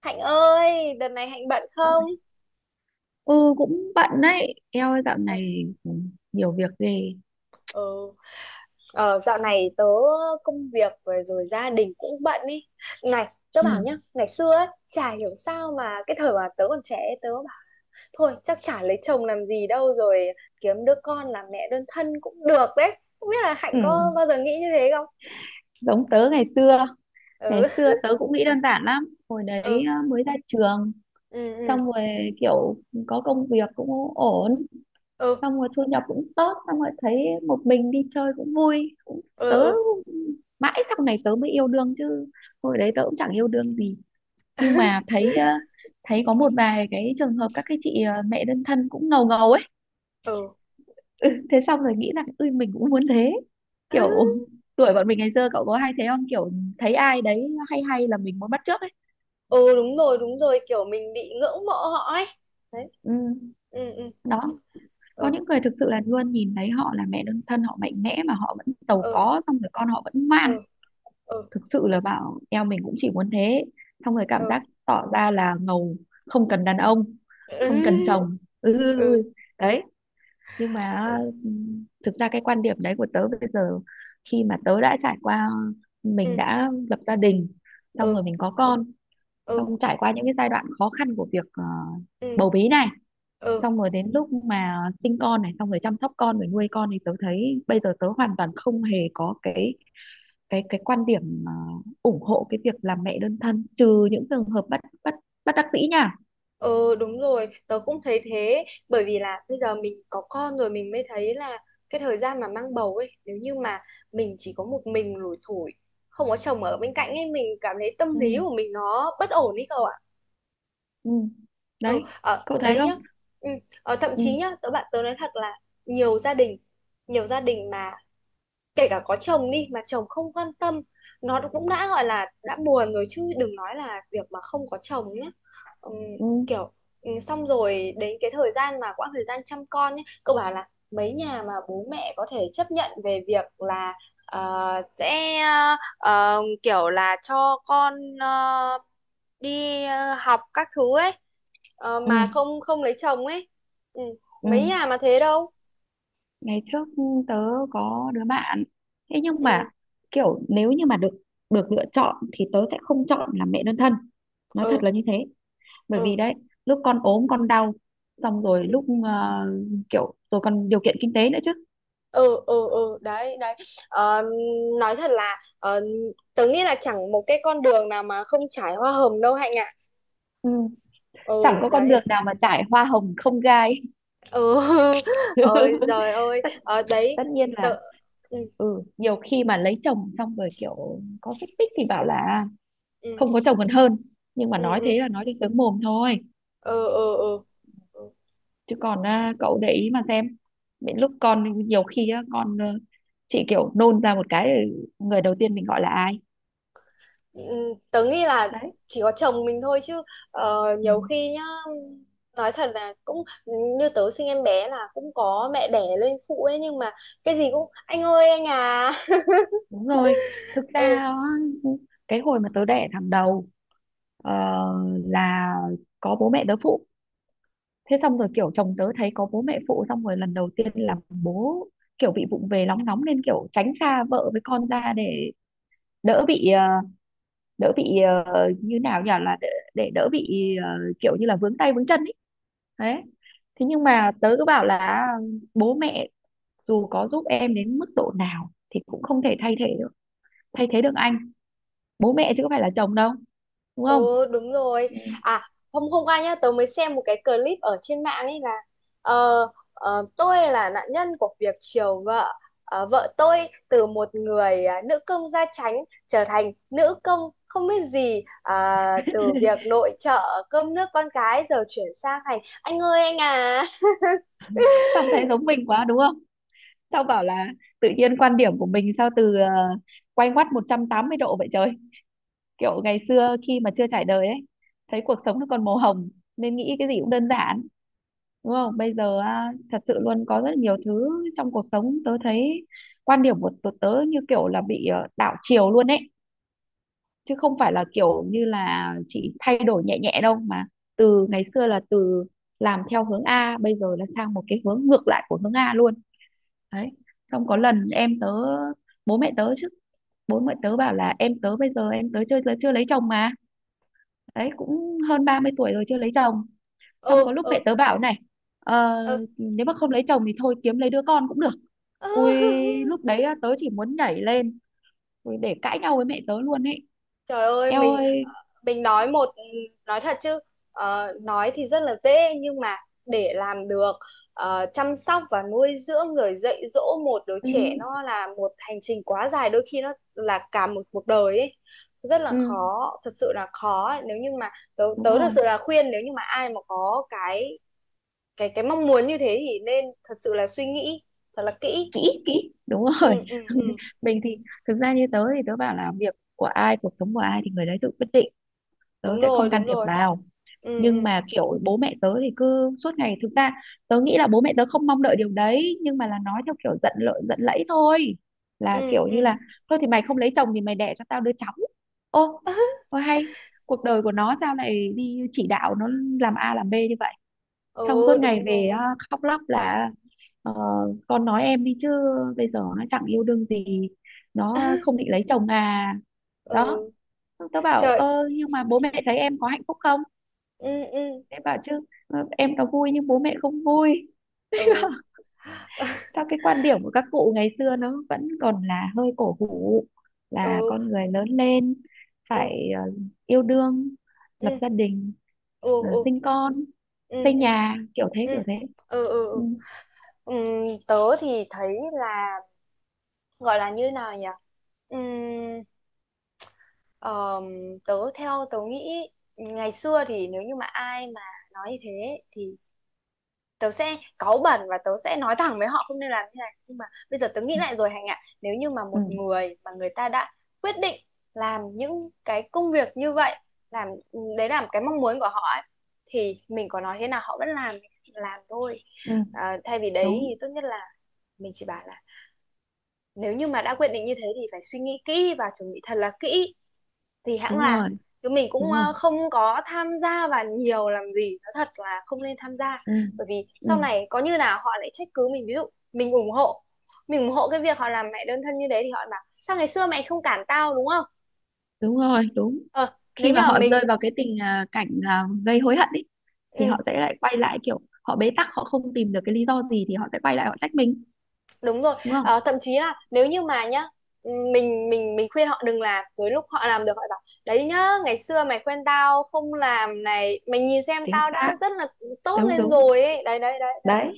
Hạnh ơi, đợt này Hạnh bận không? Ừ, cũng bận đấy, eo ơi dạo Ờ, này nhiều việc ghê. ờ, ờ, dạo này tớ công việc rồi gia đình cũng bận ý. Này, tớ bảo nhá, Ừ. ngày xưa ấy, chả hiểu sao mà cái thời mà tớ còn trẻ ấy, tớ bảo thôi chắc chả lấy chồng làm gì đâu, rồi kiếm đứa con làm mẹ đơn thân cũng được đấy. Không biết là Hạnh Ừ, có bao giờ nghĩ như thế không? giống tớ ngày Ừ, xưa tớ cũng nghĩ đơn giản lắm hồi ừ, đấy à, mới ra trường ừ, xong rồi kiểu có công việc cũng ổn, ừ, xong rồi thu nhập cũng tốt, xong rồi thấy một mình đi chơi cũng vui cũng, ừ, ừ, tớ ừ. mãi sau này tớ mới yêu đương chứ, hồi đấy tớ cũng chẳng yêu đương gì. Nhưng mà thấy có một vài cái trường hợp các cái chị mẹ đơn thân cũng ngầu ngầu ấy. Ừ. Ừ, thế xong rồi nghĩ rằng ui mình cũng muốn thế, À, kiểu tuổi bọn mình ngày xưa cậu có hay thế không, kiểu thấy ai đấy hay hay là mình muốn bắt chước ấy. ừ, đúng rồi, kiểu mình bị ngưỡng mộ họ ấy. Đấy. Ừ, Ừ, ừ, đó, có ừ, những người thực sự là luôn nhìn thấy họ là mẹ đơn thân, họ mạnh mẽ mà họ vẫn giàu ừ, có, xong rồi con họ vẫn ngoan. ừ. Ừ. Thực sự là bảo eo mình cũng chỉ muốn thế, xong rồi cảm Ừ, giác tỏ ra là ngầu, không cần đàn ông, ừ, không cần chồng. Ừ, ừ, ừ, ừ. Đấy, nhưng mà ừ, thực ra cái quan điểm đấy của tớ bây giờ, khi mà tớ đã trải qua, mình ừ, đã lập gia đình, xong rồi ừ, mình có con, ừ, xong trải qua những cái giai đoạn khó khăn của việc ừ, bầu bí này, ừ, xong rồi đến lúc mà sinh con này, xong rồi chăm sóc con rồi nuôi con, thì tớ thấy bây giờ tớ hoàn toàn không hề có cái quan điểm ủng hộ cái việc làm mẹ đơn thân, trừ những trường hợp bất bất bất đắc dĩ nha. ừ, đúng rồi, tớ cũng thấy thế. Bởi vì là bây giờ mình có con rồi mình mới thấy là cái thời gian mà mang bầu ấy, nếu như mà mình chỉ có một mình lủi thủi không có chồng ở bên cạnh ấy, mình cảm thấy tâm Ừ, lý của mình nó bất ổn ấy cậu ạ. ừ. Ừ, Đấy, ở cậu thấy đấy không? nhá. Ừ. Thậm Ừ, chí nhá, tớ bạn tớ nói thật là nhiều gia đình, nhiều gia đình kể cả có chồng đi mà chồng không quan tâm, nó cũng đã gọi là đã buồn rồi chứ đừng nói là việc mà không có chồng nhá. Ừm, ừ, kiểu ừ, xong rồi đến cái thời gian mà quãng thời gian chăm con nhé, cậu bảo là mấy nhà mà bố mẹ có thể chấp nhận về việc là ờ, sẽ kiểu là cho con ờ, đi học các thứ ấy, ừ, mà không không lấy chồng ấy. Ừ. ừ. Mấy nhà mà thế đâu. Ngày trước tớ có đứa bạn thế, nhưng Ừ, mà kiểu nếu như mà được, lựa chọn thì tớ sẽ không chọn làm mẹ đơn thân, nói thật ừ, là như thế. Bởi ừ, vì đấy, lúc con ốm con đau, xong rồi lúc kiểu rồi còn điều kiện kinh tế nữa chứ. ừ, ừ, ừ, đấy đấy. Ờ, nói thật là tớ nghĩ là chẳng một cái con đường nào mà không trải hoa hồng đâu Hạnh ạ. Ừ, chẳng Ừ, có con đấy. đường nào mà trải hoa hồng không gai. Ừ. Ôi giời ơi. tất, Ờ, đấy. tất nhiên là, Tớ ừ, ừ, nhiều khi mà lấy chồng xong rồi kiểu có xích mích thì bảo là ừ, không có chồng còn hơn, nhưng mà ừ, nói ừ, thế là nói cho sướng mồm thôi. ừ, ừ, ừ. Ừ. Chứ còn à, cậu để ý mà xem, đến lúc con nhiều khi á, con chị kiểu nôn ra một cái, người đầu tiên mình gọi là ai? Ừ, tớ nghĩ là Đấy. chỉ có chồng mình thôi chứ. Ừ, Nhiều khi nhá nói thật là cũng như tớ sinh em bé là cũng có mẹ đẻ lên phụ ấy, nhưng mà cái gì cũng anh ơi anh à. đúng rồi. Thực ra Ừ. á, cái hồi mà tớ đẻ thằng đầu ờ, là có bố mẹ tớ phụ. Thế xong rồi kiểu chồng tớ thấy có bố mẹ phụ, xong rồi lần đầu tiên là bố kiểu bị vụng về, nóng nóng, nên kiểu tránh xa vợ với con ra để đỡ bị đỡ bị, như nào nhỉ, là để đỡ bị, ờ, kiểu như là vướng tay vướng chân ý. Đấy. Thế nhưng mà tớ cứ bảo là bố mẹ dù có giúp em đến mức độ nào thì cũng không thể thay thế được, thay thế được anh, bố mẹ chứ có phải là chồng đâu, đúng không? Ừ, đúng rồi. Ừ. À, hôm hôm qua nhá tớ mới xem một cái clip ở trên mạng ấy là ờ, tôi là nạn nhân của việc chiều vợ. Ờ, vợ tôi từ một người nữ công gia chánh trở thành nữ công không biết gì, từ việc nội trợ cơm nước con cái giờ chuyển sang thành anh ơi anh à. Xong thấy giống mình quá đúng không, xong bảo là tự nhiên quan điểm của mình sao từ quay ngoắt 180 độ vậy trời. Kiểu ngày xưa khi mà chưa trải đời ấy, thấy cuộc sống nó còn màu hồng nên nghĩ cái gì cũng đơn giản, đúng không? Bây giờ á, thật sự luôn có rất nhiều thứ trong cuộc sống, tớ thấy quan điểm của tớ, tớ như kiểu là bị đảo chiều luôn ấy, chứ không phải là kiểu như là chỉ thay đổi nhẹ nhẹ đâu, mà từ ngày xưa là từ làm theo hướng A, bây giờ là sang một cái hướng ngược lại của hướng A luôn. Đấy. Xong có lần em tớ, bố mẹ tớ chứ, bố mẹ tớ bảo là em tớ bây giờ, em tớ chưa chưa lấy chồng mà, đấy cũng hơn 30 tuổi rồi chưa lấy chồng. Xong Ừ, có lúc ừ, mẹ tớ bảo này, ờ, ừ. nếu mà không lấy chồng thì thôi kiếm lấy đứa con cũng được. Ui, lúc đấy á, tớ chỉ muốn nhảy lên, ui, để cãi nhau với mẹ tớ luôn ấy. Trời ơi Eo mình. ơi. Mình nói một nói thật chứ, nói thì rất là dễ nhưng mà để làm được, chăm sóc và nuôi dưỡng rồi dạy dỗ một đứa Ừ, trẻ nó là một hành trình quá dài, đôi khi nó là cả một cuộc đời ấy. Rất là ừ, khó, thật sự là khó ấy. Nếu như mà tớ, đúng tớ thật rồi. sự là khuyên nếu như mà ai mà có cái cái mong muốn như thế thì nên thật sự là suy nghĩ thật là kỹ. Kỹ, kỹ, đúng rồi. Ừ, ừ, ừ, Mình thì, thực ra như tớ thì tớ bảo là việc của ai, cuộc sống của ai thì người đấy tự quyết định, tớ đúng sẽ rồi, không can đúng thiệp rồi. vào. Ừ, Nhưng ừ, mà kiểu bố mẹ tớ thì cứ suốt ngày, thực ra tớ nghĩ là bố mẹ tớ không mong đợi điều đấy, nhưng mà là nói theo kiểu giận lợi giận lẫy thôi, là ừ, kiểu như ừ, là thôi thì mày không lấy chồng thì mày đẻ cho tao đứa cháu. Ô, ô hay, cuộc đời của nó sao lại đi chỉ đạo nó làm A làm B như vậy. Xong ừ, suốt ngày đúng về rồi. á, khóc lóc là ờ, con nói em đi chứ, bây giờ nó chẳng yêu đương gì, nó không định lấy chồng à. Đó. Ừ. Tớ bảo Trời ơ nhưng mà bố mẹ thấy em có hạnh phúc không, ừ, ừ, em bảo chứ, em nó vui nhưng bố mẹ không vui. ừ, Sao cái quan điểm của các cụ ngày xưa nó vẫn còn là hơi cổ hủ, là ừ, con người lớn lên ừ, phải yêu đương, lập ừ, gia đình, ừ, sinh con, ừ, xây ừ, nhà kiểu thế ừ, kiểu thế. ừ, ừ, ừ, Ừ, ừ. Tớ thì thấy là gọi là như nào nhỉ. Ừm, ờm, tớ theo tớ nghĩ ngày xưa thì nếu như mà ai mà nói như thế thì tớ sẽ cáu bẩn và tớ sẽ nói thẳng với họ không nên làm như này. Nhưng mà bây giờ tớ nghĩ ừ, lại rồi Hạnh ạ, nếu như mà ừ, một người mà người ta đã quyết định làm những cái công việc như vậy làm, đấy là cái mong muốn của họ ấy, thì mình có nói thế nào họ vẫn làm thôi. ừ, À, thay vì đấy đúng thì tốt nhất là mình chỉ bảo là nếu như mà đã quyết định như thế thì phải suy nghĩ kỹ và chuẩn bị thật là kỹ thì hãng đúng làm. rồi, Chứ mình cũng đúng rồi. Không có tham gia vào nhiều làm gì, nó thật là không nên tham gia. Ừ, Bởi vì ừ. sau này có như nào họ lại trách cứ mình, ví dụ mình ủng hộ mình ủng hộ cái việc họ làm mẹ đơn thân như đấy thì họ bảo sao ngày xưa mày không cản tao, đúng không. Đúng rồi, đúng. Ờ, nếu Khi như mà mà họ rơi mình vào cái tình cảnh gây hối hận ấy, thì ừ, họ sẽ lại quay lại kiểu họ bế tắc, họ không tìm được cái lý do gì thì họ sẽ quay lại ờ, họ trách mình, đúng rồi. đúng không? Ờ, thậm chí là nếu như mà nhá, ừ, mình khuyên họ đừng làm tới lúc họ làm được họ bảo đấy nhá, ngày xưa mày khuyên tao không làm này mày nhìn xem Chính tao xác. đã rất là tốt Đúng, lên đúng. rồi ấy. Đấy đấy đấy. Đấy,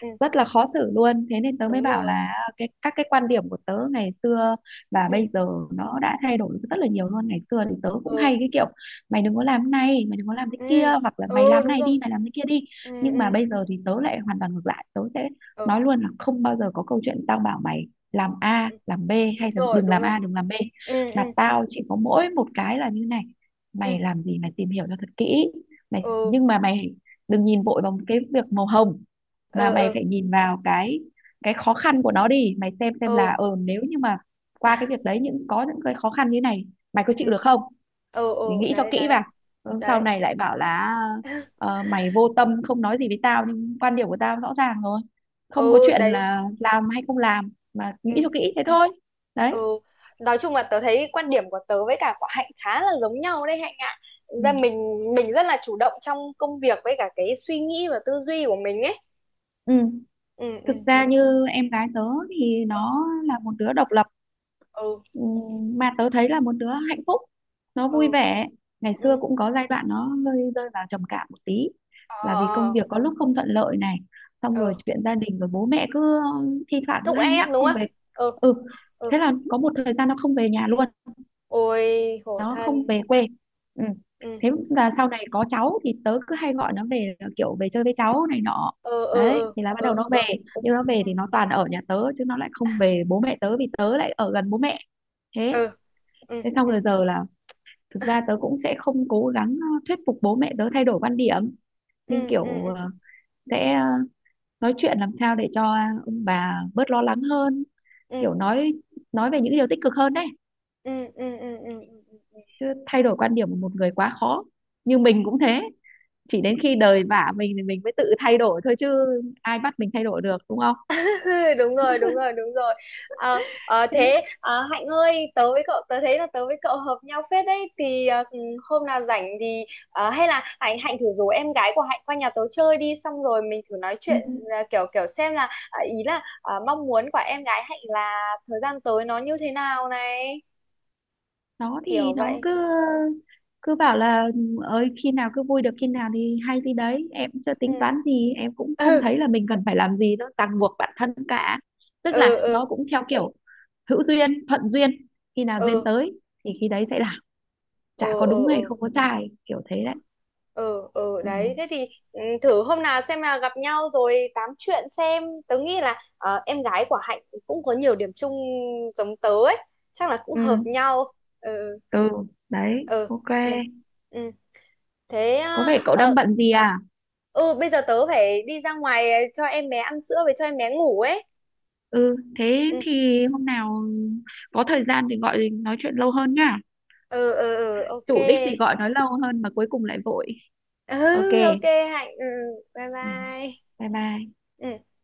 Ừ, rất là khó xử luôn, thế nên tớ mới đúng bảo là rồi. Cái các cái quan điểm của tớ ngày xưa và Ừ, bây giờ nó đã thay đổi rất là nhiều luôn. Ngày xưa thì tớ cũng ừ, hay cái kiểu mày đừng có làm cái này, mày đừng có làm cái ừ, kia, hoặc là mày ừ, làm cái đúng này rồi. đi, mày làm cái kia đi. Ừ, Nhưng mà ừ, bây giờ thì tớ lại hoàn toàn ngược lại, tớ sẽ ừ, nói luôn là không bao giờ có câu chuyện tao bảo mày làm A ừ, làm B đúng hay là rồi, đừng đúng làm rồi. A đừng làm B. Ừ, ừ, Mà tao chỉ có mỗi một cái là như này: ừ, mày làm gì mày tìm hiểu cho thật kỹ, mày, ừ, nhưng mà mày đừng nhìn vội vào cái việc màu hồng, mà ừ, mày ừ, phải nhìn vào cái khó khăn của nó đi, mày xem là ừ, nếu như mà qua cái việc đấy những có những cái khó khăn như thế này mày có chịu ừ, được không, ừ, thì ừ nghĩ cho đấy kỹ đấy vào. Ừ, sau đấy. này lại bảo là mày vô tâm không nói gì với tao, nhưng quan điểm của tao rõ ràng rồi, không có Ừ, chuyện đấy. là làm hay không làm mà nghĩ Ừ, cho kỹ thế thôi. Đấy. ừ. Nói chung là tớ thấy quan điểm của tớ với cả của Hạnh khá là giống nhau đấy Hạnh ạ. Thực ra Ừ. mình rất là chủ động trong công việc với cả cái suy nghĩ và tư duy của mình ấy. Ừ, Ừ, ừ, thực ừ, ra như em gái tớ thì ừ, nó là một đứa độc lập. ừ, Ừ, mà tớ thấy là một đứa hạnh phúc, nó vui ừ, vẻ. Ngày xưa ừ. cũng có giai đoạn nó hơi rơi vào trầm cảm một tí, Ờ, là vì công ờ. việc có lúc không thuận lợi này, xong rồi Ừ, chuyện gia đình rồi bố mẹ cứ thi thoảng cứ thúc hay ép nhắc đúng không không. về. Ừ, Ừ, ừ. thế là có một thời gian nó không về nhà luôn, Ôi khổ nó không thân. về quê. Ừ. Ừ, Thế là sau này có cháu thì tớ cứ hay gọi nó về, là kiểu về chơi với cháu này nọ. ờ, ờ, Đấy, ờ, thì là bắt đầu ờ, nó về, ờ, nhưng nó về thì nó toàn ở nhà tớ chứ nó lại không về bố mẹ tớ, vì tớ lại ở gần bố mẹ. Thế. ờ. Ừ, Thế xong ừ, rồi giờ là thực ừ, ra tớ cũng sẽ không cố gắng thuyết phục bố mẹ tớ thay đổi quan điểm, nhưng ừ, kiểu ừ, sẽ, nói chuyện làm sao để cho ông bà bớt lo lắng hơn, ừ, ừ, kiểu nói về những điều tích cực hơn. Đấy, ừ, ừ, ừ, ừ, ừ. chứ thay đổi quan điểm của một người quá khó, như mình cũng thế, chỉ đến khi đời vả mình thì mình mới tự thay đổi thôi chứ ai bắt mình thay đổi được, đúng không? Đúng rồi, đúng rồi, đúng rồi. Ờ, ờ, Thế. thế Hạnh ơi, tớ với cậu tớ thấy là tớ với cậu hợp nhau phết đấy thì ờ, ừ, hôm nào rảnh thì hay là Hạnh Hạnh thử rủ em gái của Hạnh qua nhà tớ chơi đi xong rồi mình thử nói Ừ. chuyện, kiểu kiểu xem là ý là mong muốn của em gái Hạnh là thời gian tới nó như thế nào này, Nó kiểu thì nó vậy. cứ cứ bảo là ừ, ơi khi nào cứ vui được khi nào thì hay, thì đấy em chưa Ừ. tính toán gì, em cũng không Ừ, thấy là mình cần phải làm gì nó ràng buộc bản thân cả. Tức ừ, là ừ, nó cũng theo kiểu hữu duyên thuận duyên, khi nào duyên ừ, tới thì khi đấy sẽ làm, ừ, chả có ừ, đúng hay ừ, không có sai kiểu thế đấy. ừ, ừ, Ừ, đấy. Thế thì ừ, thử hôm nào xem là gặp nhau rồi tám chuyện xem, tớ nghĩ là em gái của Hạnh cũng có nhiều điểm chung giống tớ ấy, chắc là cũng hợp ừ, nhau. Ừ, ừ. Đấy, ừ, ok. ừ, ừ. Thế Có ờ, vẻ cậu ờ, đang bận gì à? ừ, bây giờ tớ phải đi ra ngoài cho em bé ăn sữa với cho em bé ngủ ấy. Ừ, thế Ừ, thì hôm nào có thời gian thì gọi nói chuyện lâu hơn nhá, ừ, ừ, ừ, ok. chủ đích thì gọi nói lâu hơn mà cuối cùng lại vội. Ừ, Ok. ok Hạnh. Ừ, bye Ừ. bye. Bye bye. Ừ.